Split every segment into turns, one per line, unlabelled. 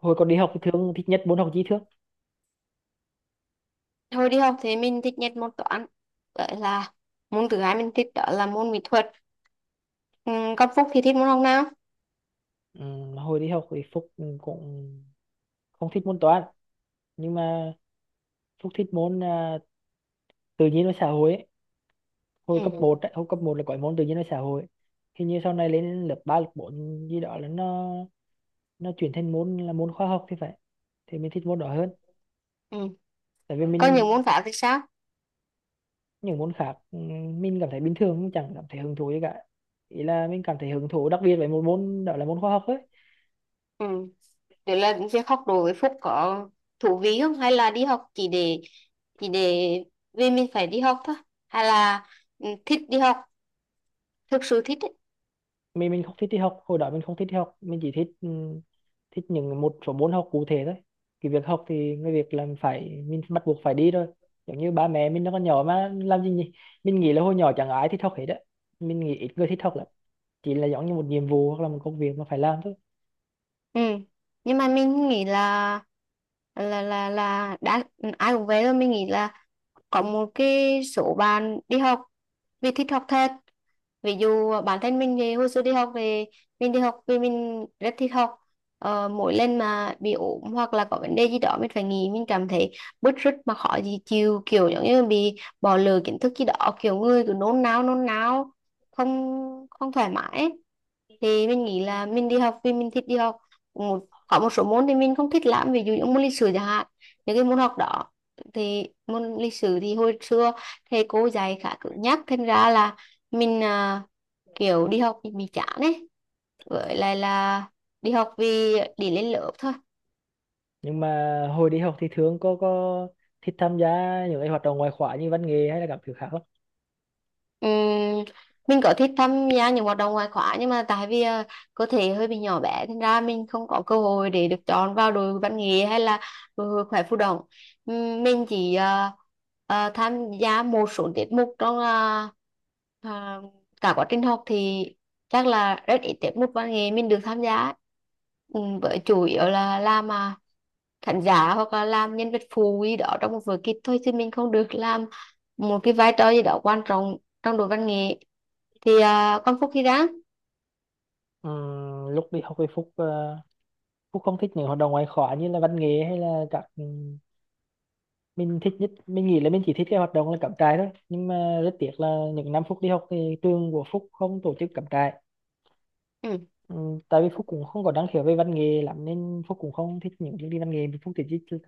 Hồi còn đi học thì thường thích nhất môn học tri thức.
Thôi đi học thì mình thích nhất môn toán. Vậy là môn thứ hai mình thích đó là môn mỹ thuật. ừ, Còn Phúc thì thích môn học nào?
Hồi đi học thì Phúc cũng không thích môn toán, nhưng mà Phúc thích môn tự nhiên và xã hội ấy. Hồi cấp một
Ừ.
ấy, hồi cấp một là có cái môn tự nhiên và xã hội. Hình như sau này lên lớp 3 lớp 4 gì đó là nó chuyển thành môn là môn khoa học thì phải, thì mình thích môn đó hơn.
Ừ.
Tại vì
Còn những
mình,
môn khác thì sao?
những môn khác mình cảm thấy bình thường, mình chẳng cảm thấy hứng thú gì cả. Ý là mình cảm thấy hứng thú đặc biệt với một môn đó là môn khoa học ấy.
Ừ. Đấy là việc học đối với Phúc có thú vị không? Hay là đi học chỉ để vì mình phải đi học thôi, hay là thích đi học, thực sự thích ấy.
Mình không thích đi học, hồi đó mình không thích đi học, mình chỉ thích thích những một số môn học cụ thể thôi. Cái việc học thì cái việc làm phải mình bắt buộc phải đi thôi. Giống như ba mẹ mình nó còn nhỏ mà làm gì nhỉ. Mình nghĩ là hồi nhỏ chẳng ai thích học hết á, mình nghĩ ít người thích học lắm, chỉ là giống như một nhiệm vụ hoặc là một công việc mà phải làm thôi.
Ừ. Nhưng mà mình nghĩ là đã ai cũng vậy rồi, mình nghĩ là có một cái số bạn đi học vì thích học thật. Ví dụ bản thân mình thì hồi xưa đi học thì mình đi học vì mình rất thích học. Mỗi lần mà bị ốm hoặc là có vấn đề gì đó mình phải nghỉ, mình cảm thấy bứt rứt mà khó gì chịu, kiểu giống như bị bỏ lỡ kiến thức gì đó, kiểu người cứ nôn nao nôn nao, không không thoải mái ấy. Thì mình nghĩ là mình đi học vì mình thích đi học. Có một số môn thì mình không thích lắm, ví dụ như môn lịch sử chẳng hạn, những cái môn học đó. Thì môn lịch sử thì hồi xưa thầy cô dạy khá cứng nhắc, thành ra là mình kiểu đi học thì bị chán ấy, với lại là đi học vì để lên lớp thôi.
Nhưng mà hồi đi học thì thường có thích tham gia những cái hoạt động ngoại khóa như văn nghệ hay là các thứ khác lắm.
Ừm, mình có thích tham gia những hoạt động ngoại khóa, nhưng mà tại vì cơ thể hơi bị nhỏ bé, thành ra mình không có cơ hội để được chọn vào đội văn nghệ hay là đội hội khỏe phù đồng. Mình chỉ tham gia một số tiết mục trong ờ, cả quá trình học thì chắc là rất ít tiết mục văn nghệ mình được tham gia ấy. Với chủ yếu là làm khán giả hoặc là làm nhân vật phụ gì đó trong một vở kịch, thôi chứ mình không được làm một cái vai trò gì đó quan trọng trong đội văn nghệ. Thì con Phúc khi ra.
Lúc đi học thì Phúc không thích những hoạt động ngoại khóa như là văn nghệ hay là các, mình thích nhất, mình nghĩ là mình chỉ thích cái hoạt động là cắm trại thôi, nhưng mà rất tiếc là những năm Phúc đi học thì trường của Phúc không tổ chức cắm trại.
Ừ.
ừ, Tại vì Phúc cũng không có năng khiếu về văn nghệ lắm nên Phúc cũng không thích những chương trình văn nghệ, Phúc chỉ thích,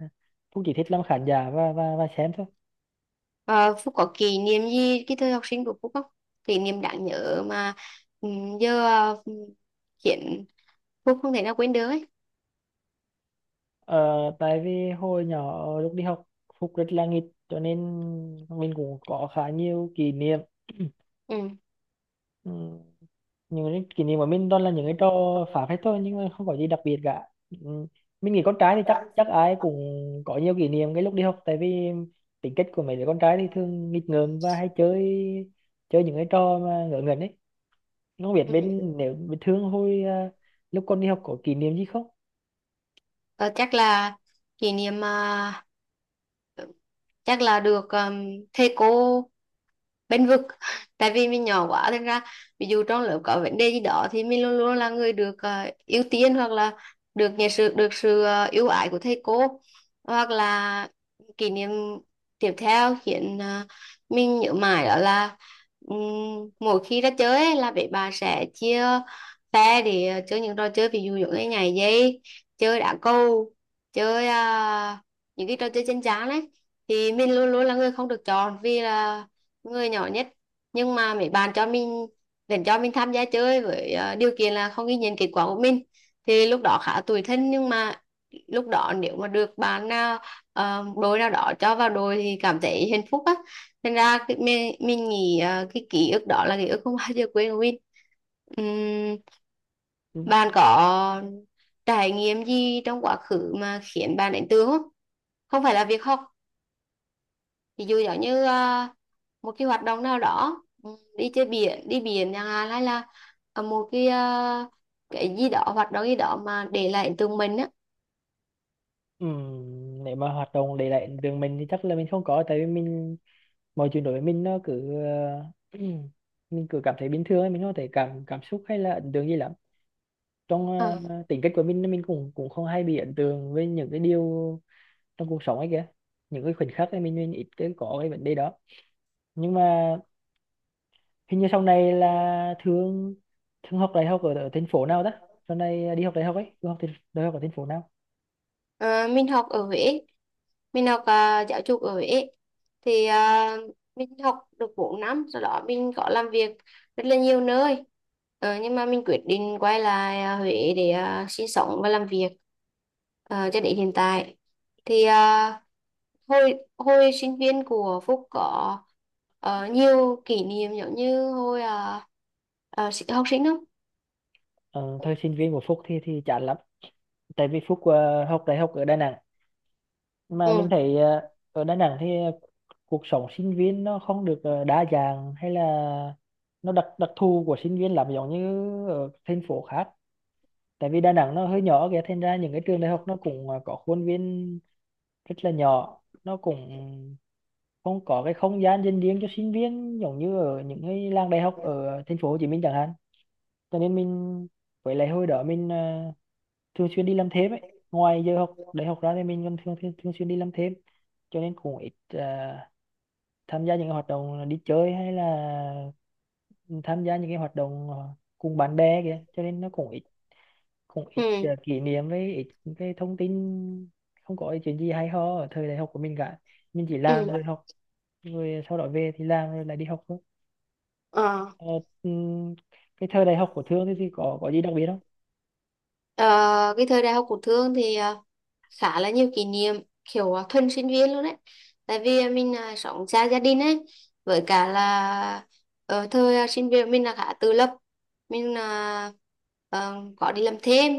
Phúc chỉ thích làm khán giả và và xem thôi.
Ờ, Phúc có kỷ niệm gì cái thời học sinh của Phúc không, kỷ niệm đáng nhớ mà ừ, giờ khiến Phúc không thể nào quên được ấy?
ờ, Tại vì hồi nhỏ lúc đi học Phúc rất là nghịch, cho nên mình cũng có khá nhiều kỷ niệm.
Ừ.
Ừ. Những cái kỷ niệm của mình toàn là những cái trò phá phách thôi, nhưng mà không có gì đặc biệt cả. Ừ, mình nghĩ con trai thì chắc chắc ai cũng có nhiều kỷ niệm cái lúc đi học, tại vì tính cách của mấy đứa con trai thì thường nghịch ngợm và hay chơi, chơi những cái trò mà ngớ ngẩn ấy. Không biết
Ừ.
bên Thương hồi lúc con đi học có kỷ niệm gì không.
Ờ, Chắc là kỷ niệm chắc là được thầy cô bênh vực tại vì mình nhỏ quá, thành ra ví dụ trong lớp có vấn đề gì đó thì mình luôn luôn là người được ưu tiên, hoặc là được sự ưu ái của thầy cô. Hoặc là kỷ niệm tiếp theo khiến mình nhớ mãi đó là, mỗi khi ra chơi ấy, là bé bà sẽ chia phe để chơi những trò chơi, ví dụ như nhảy dây, chơi đá cầu, chơi những cái trò chơi trên trán đấy. Thì mình luôn luôn là người không được chọn vì là người nhỏ nhất, nhưng mà mấy bạn cho mình vẫn cho mình tham gia chơi với điều kiện là không ghi nhận kết quả của mình. Thì lúc đó khá tủi thân, nhưng mà lúc đó nếu mà được bạn nào, đội nào đó cho vào đội thì cảm thấy hạnh phúc á. Nên ra mình nghĩ cái ký ức đó là ký ức không bao giờ quên của mình. Ừm,
Ừ.
Bạn có trải nghiệm gì trong quá khứ mà khiến bạn ấn tượng không? Không phải là việc học, ví dụ giống như một cái hoạt động nào đó, đi biển chẳng hạn, hay là một cái cái gì đó, hoạt động gì đó mà để lại ấn tượng mình á.
Ừ. Nếu mà hoạt động để lại trường mình thì chắc là mình không có, tại vì mình, mọi chuyện đối với mình nó cứ mình cứ cảm thấy bình thường ấy, mình không thể cảm, cảm xúc hay là ấn tượng gì lắm trong,
Ờ,
tính cách của mình cũng cũng không hay bị ấn tượng với những cái điều trong cuộc sống ấy kìa, những cái khoảnh khắc ấy mình ít cái có cái vấn đề đó. Nhưng mà hình như sau này là thương thương học đại học ở, ở thành phố nào đó, sau này đi học đại học ấy Thương học thì- đại học ở thành phố nào?
Ờ, mình học ở Huế, mình học giáo dục ở Huế. Thì mình học được 4 năm, sau đó mình có làm việc rất là nhiều nơi. Nhưng mà mình quyết định quay lại Huế để sinh sống và làm việc, cho đến hiện tại. Thì hồi hồi sinh viên của Phúc có nhiều kỷ niệm giống như hồi học sinh không?
Ờ, Thời sinh viên của Phúc thì chán lắm, tại vì Phúc học đại học ở Đà Nẵng. Mà
Ừ.
mình thấy ở Đà Nẵng thì cuộc sống sinh viên nó không được đa dạng hay là, nó đặc đặc thù của sinh viên làm giống như ở thành phố khác. Tại vì Đà Nẵng nó hơi nhỏ kìa, thành ra những cái trường đại học nó cũng có khuôn viên rất là nhỏ, nó cũng không có cái không gian dành riêng cho sinh viên giống như ở những cái làng đại học ở thành phố Hồ Chí Minh chẳng hạn. Cho nên mình, với lại hồi đó mình thường xuyên đi làm thêm ấy, ngoài giờ học đại học ra thì mình còn thường thường, thường xuyên đi làm thêm. Cho nên cũng ít tham gia những cái hoạt động đi chơi hay là tham gia những cái hoạt động cùng bạn bè kìa, cho nên nó cũng ít, cũng ít
Ừ.
kỷ niệm với ít những cái thông tin. Không có cái chuyện gì hay ho ở thời đại học của mình cả, mình chỉ
Ừ.
làm rồi học, rồi sau đó về thì làm rồi lại đi học thôi.
Ờ.
ờ, ừm, cái thời đại học của Thương thì có gì đặc biệt không?
Ờ, cái thời đại học của Thương thì khá là nhiều kỷ niệm, kiểu thuần sinh viên luôn đấy. Tại vì mình sống xa gia đình ấy, với cả là ở thời sinh viên mình là khá tự lập. Mình ờ, có đi làm thêm,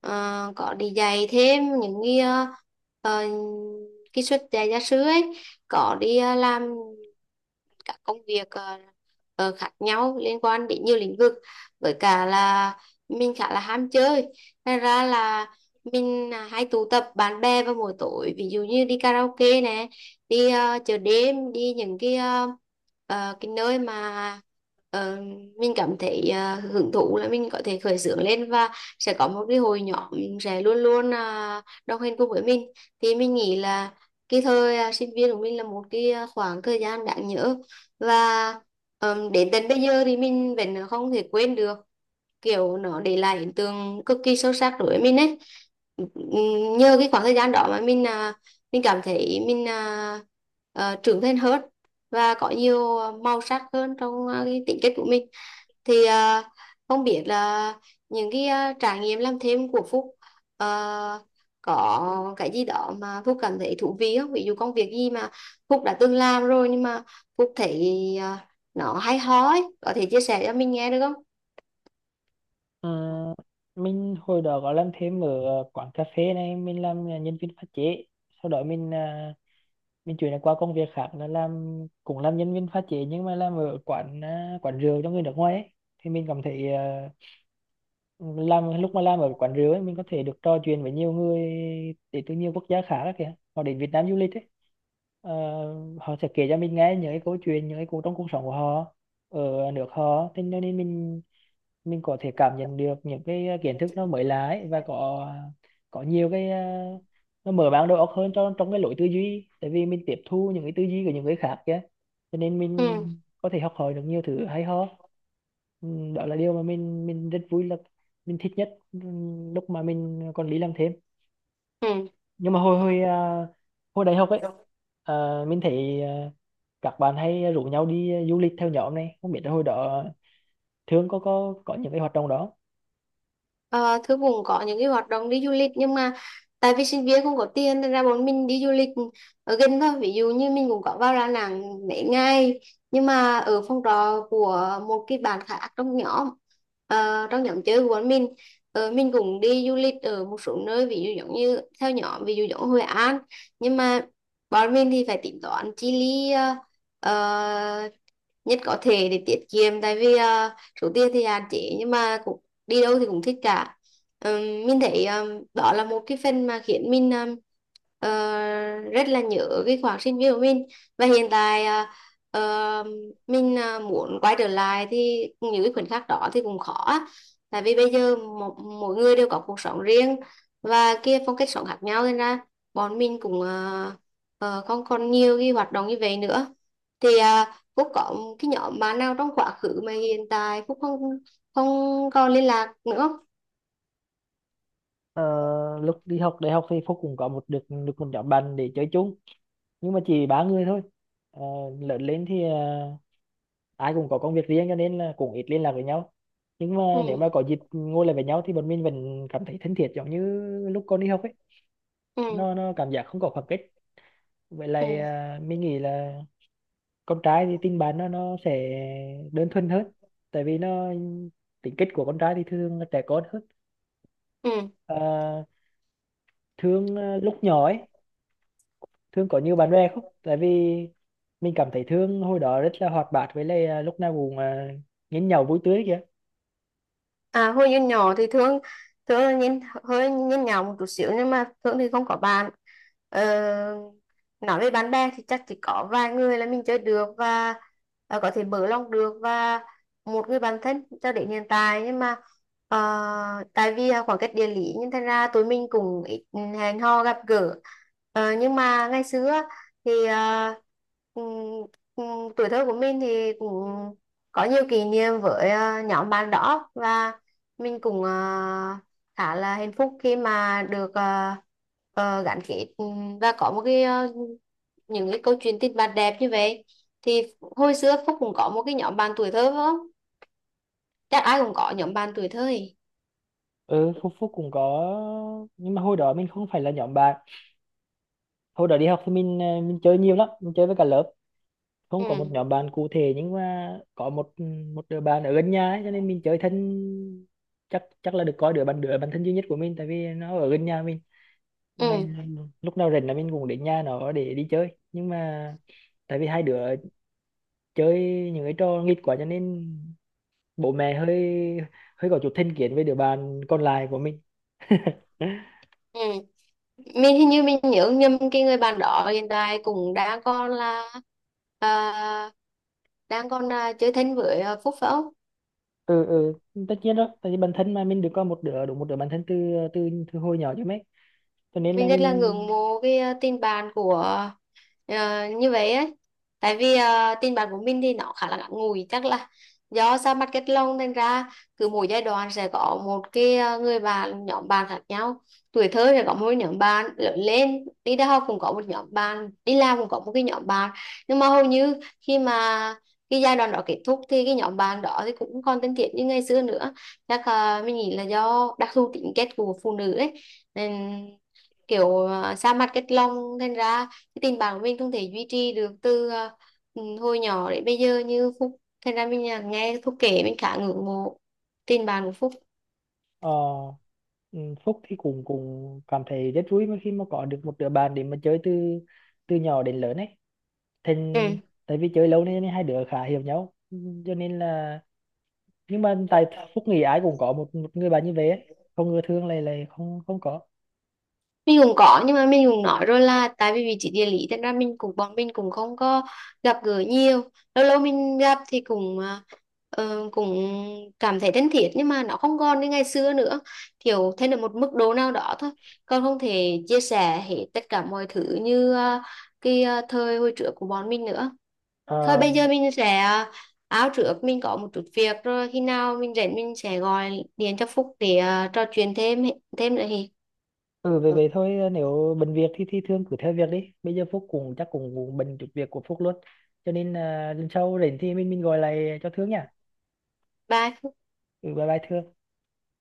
ờ, có đi dạy thêm những cái ờ, cái suất dạy gia sư ấy, có đi làm các công việc khác nhau liên quan đến nhiều lĩnh vực. Với cả là mình khá là ham chơi. Thật ra là mình hay tụ tập bạn bè vào buổi tối, ví dụ như đi karaoke nè, đi chợ đêm, đi những cái cái nơi mà ờ, mình cảm thấy hưởng thụ, là mình có thể khởi xướng lên và sẽ có một cái hội nhóm sẽ luôn luôn đồng hành cùng với mình. Thì mình nghĩ là cái thời sinh viên của mình là một cái khoảng thời gian đáng nhớ, và đến tận bây giờ thì mình vẫn không thể quên được, kiểu nó để lại ấn tượng cực kỳ sâu sắc đối với mình ấy. Nhờ cái khoảng thời gian đó mà mình mình cảm thấy mình trưởng thành hơn, và có nhiều màu sắc hơn trong cái tính cách của mình. Thì không biết là những cái trải nghiệm làm thêm của Phúc à, có cái gì đó mà Phúc cảm thấy thú vị không, ví dụ công việc gì mà Phúc đã từng làm rồi nhưng mà Phúc thấy à, nó hay ho ấy, có thể chia sẻ cho mình nghe được không?
Ờ, mình hồi đó có làm thêm ở quán cà phê này, mình làm nhân viên pha chế. Sau đó mình chuyển qua công việc khác là làm, cũng làm nhân viên pha chế nhưng mà làm ở quán rượu cho người nước ngoài ấy. Thì mình cảm thấy làm lúc mà làm ở quán rượu ấy, mình có thể được trò chuyện với nhiều người đến từ nhiều quốc gia khác ấy kìa, họ đến Việt Nam du lịch ấy. Ờ, họ sẽ kể cho mình nghe những cái câu chuyện, những cái câu trong cuộc sống của họ ở nước họ thế, cho nên mình có thể cảm nhận được những cái kiến thức nó mới lạ ấy, và có nhiều cái nó mở mang đầu óc hơn trong trong cái lối tư duy, tại vì mình tiếp thu những cái tư duy của những người khác kia, cho nên mình
Ừ.
có thể học hỏi được nhiều thứ hay ho. Ừ, đó là điều mà mình rất vui, là mình thích nhất, lúc mà mình còn đi làm thêm.
Ừ.
Nhưng mà hồi hồi à, hồi đại học ấy, à, mình thấy các bạn hay rủ nhau đi du lịch theo nhóm này, không biết là hồi đó Thương có có những cái hoạt động đó.
Ờ, Thư cũng có những cái hoạt động đi du lịch, nhưng mà tại vì sinh viên không có tiền nên ra bọn mình đi du lịch ở gần thôi. Ví dụ như mình cũng có vào Đà Nẵng mấy ngày, nhưng mà ở phòng trọ của một cái bạn khác trong nhóm, trong nhóm chơi của bọn mình. Mình cũng đi du lịch ở một số nơi ví dụ giống như theo nhóm, ví dụ giống Hội An. Nhưng mà bọn mình thì phải tính toán chi lý ờ, nhất có thể để tiết kiệm, tại vì số tiền thì hạn chế, nhưng mà cũng đi đâu thì cũng thích cả. Mình thấy đó là một cái phần mà khiến mình ờ, rất là nhớ cái khoảng sinh viên của mình, và hiện tại ờ, mình muốn quay trở lại thì những cái khoảnh khắc đó thì cũng khó á. Tại vì bây giờ mỗi người đều có cuộc sống riêng, và kia phong cách sống khác nhau nên ra bọn mình cũng không còn nhiều cái hoạt động như vậy nữa. Thì Phúc có cái nhóm bạn nào trong quá khứ mà hiện tại Phúc không không còn liên lạc nữa?
Ờ, lúc đi học đại học thì Phúc cũng có một, được được một nhóm bạn để chơi chung nhưng mà chỉ ba người thôi. Ờ, lớn lên thì ai cũng có công việc riêng cho nên là cũng ít liên lạc với nhau. Nhưng mà
Ừ.
nếu mà có dịp ngồi lại với nhau thì bọn mình vẫn cảm thấy thân thiết giống như lúc còn đi học ấy,
Ừ.
nó cảm giác không có khoảng cách. Vậy là
Ừ.
mình nghĩ là con trai thì tình bạn nó sẽ đơn thuần hơn, tại vì nó, tính cách của con trai thì thường là trẻ con hơn.
Ừ.
Ờ, lúc nhỏ ấy, Thương có nhiều bạn bè không? Tại vì mình cảm thấy Thương hồi đó rất là hoạt bát, với lại lúc nào cũng nhẽn nhẽo vui tươi kìa.
À, hồi nhỏ nhỏ thì Thương, Thương là nhìn nhỏ một chút xíu, nhưng mà Thương thì không có bạn. ờ, nói về bạn bè thì chắc chỉ có vài người là mình chơi được và có thể mở lòng được, và một người bạn thân cho đến hiện tại. Nhưng mà ờ, tại vì là khoảng cách địa lý nên thành ra tụi mình cũng ít hẹn hò gặp gỡ. Nhưng mà ngày xưa thì ừm, tuổi thơ của mình thì cũng có nhiều kỷ niệm với nhóm bạn đó, và mình cũng khá là hạnh phúc khi mà được gắn kết và có một cái những cái câu chuyện tình bạn đẹp như vậy. Thì hồi xưa Phúc cũng có một cái nhóm bạn tuổi thơ phải không, chắc ai cũng có nhóm bạn tuổi thơ ấy.
Ừ, Phúc Phúc cũng có, nhưng mà hồi đó mình không phải là nhóm bạn. Hồi đó đi học thì mình chơi nhiều lắm, mình chơi với cả lớp. Không có một nhóm
Ừ.
bạn cụ thể nhưng mà có một, một đứa bạn ở gần nhà ấy, cho nên mình chơi thân, chắc chắc là được coi đứa bạn thân duy nhất của mình tại vì nó ở gần nhà mình.
Ừ.
Ngày lúc nào rảnh là mình cũng đến nhà nó để đi chơi. Nhưng mà tại vì hai đứa chơi những cái trò nghịch quá, cho nên bố mẹ hơi, hơi có chút thành kiến với đứa bạn còn lại của mình.
Ừ. Mình hình như mình nhớ nhầm cái người bạn đó hiện tại cũng đang còn là ờ, đang còn chơi thân với Phúc phải không?
Ừ, ừ, tất nhiên đó, tại vì bản thân mà mình được có một đứa, đúng một đứa bản thân từ, từ hồi nhỏ chứ mấy, cho nên là
Mình rất là
mình.
ngưỡng mộ cái tình bạn của như vậy ấy. Tại vì tình bạn của mình thì nó khá là ngắn ngủi, chắc là do ra mặt kết long nên ra cứ mỗi giai đoạn sẽ có một cái người bạn, nhóm bạn khác nhau. Tuổi thơ sẽ có một nhóm bạn, lớn lên đi đại học cũng có một nhóm bạn, đi làm cũng có một cái nhóm bạn. Nhưng mà hầu như khi mà cái giai đoạn đó kết thúc thì cái nhóm bạn đó thì cũng không còn thân thiết như ngày xưa nữa. Chắc mình nghĩ là do đặc thù tính cách của phụ nữ ấy, nên kiểu xa mặt cách lòng, thành ra cái tình bạn của mình không thể duy trì được từ hồi nhỏ đến bây giờ như Phúc. Thành ra mình nghe Phúc kể mình khá ngưỡng mộ tình bạn của Phúc.
ờ, ừ, Phúc thì cũng cũng cảm thấy rất vui mà khi mà có được một đứa bạn để mà chơi từ, từ nhỏ đến lớn ấy, thành,
Ừ.
tại vì chơi lâu nên hai đứa khá hiểu nhau. Ừ, cho nên là, nhưng mà tại Phúc nghĩ ai cũng có một, một người bạn như vậy ấy. Không ngừa Thương này lại lại không không có.
Mình cũng có, nhưng mà mình cũng nói rồi là tại vì vị trí địa lý, thế ra mình cũng bọn mình cũng không có gặp gỡ nhiều. Lâu lâu mình gặp thì cũng cũng cảm thấy thân thiết, nhưng mà nó không còn như ngày xưa nữa, kiểu thêm được một mức độ nào đó thôi, còn không thể chia sẻ hết tất cả mọi thứ như cái thời hồi trước của bọn mình nữa. Thôi bây giờ mình sẽ áo trước mình có một chút việc rồi, khi nào mình rảnh mình sẽ gọi điện cho Phúc để trò chuyện thêm thêm nữa thì
Ừ về về thôi, nếu bận việc thì Thương cứ theo việc đi, bây giờ Phúc cũng chắc cũng bận chút việc của Phúc luôn, cho nên lần sau rảnh thì mình gọi lại cho Thương nha.
bye.
Ừ, bye bye Thương.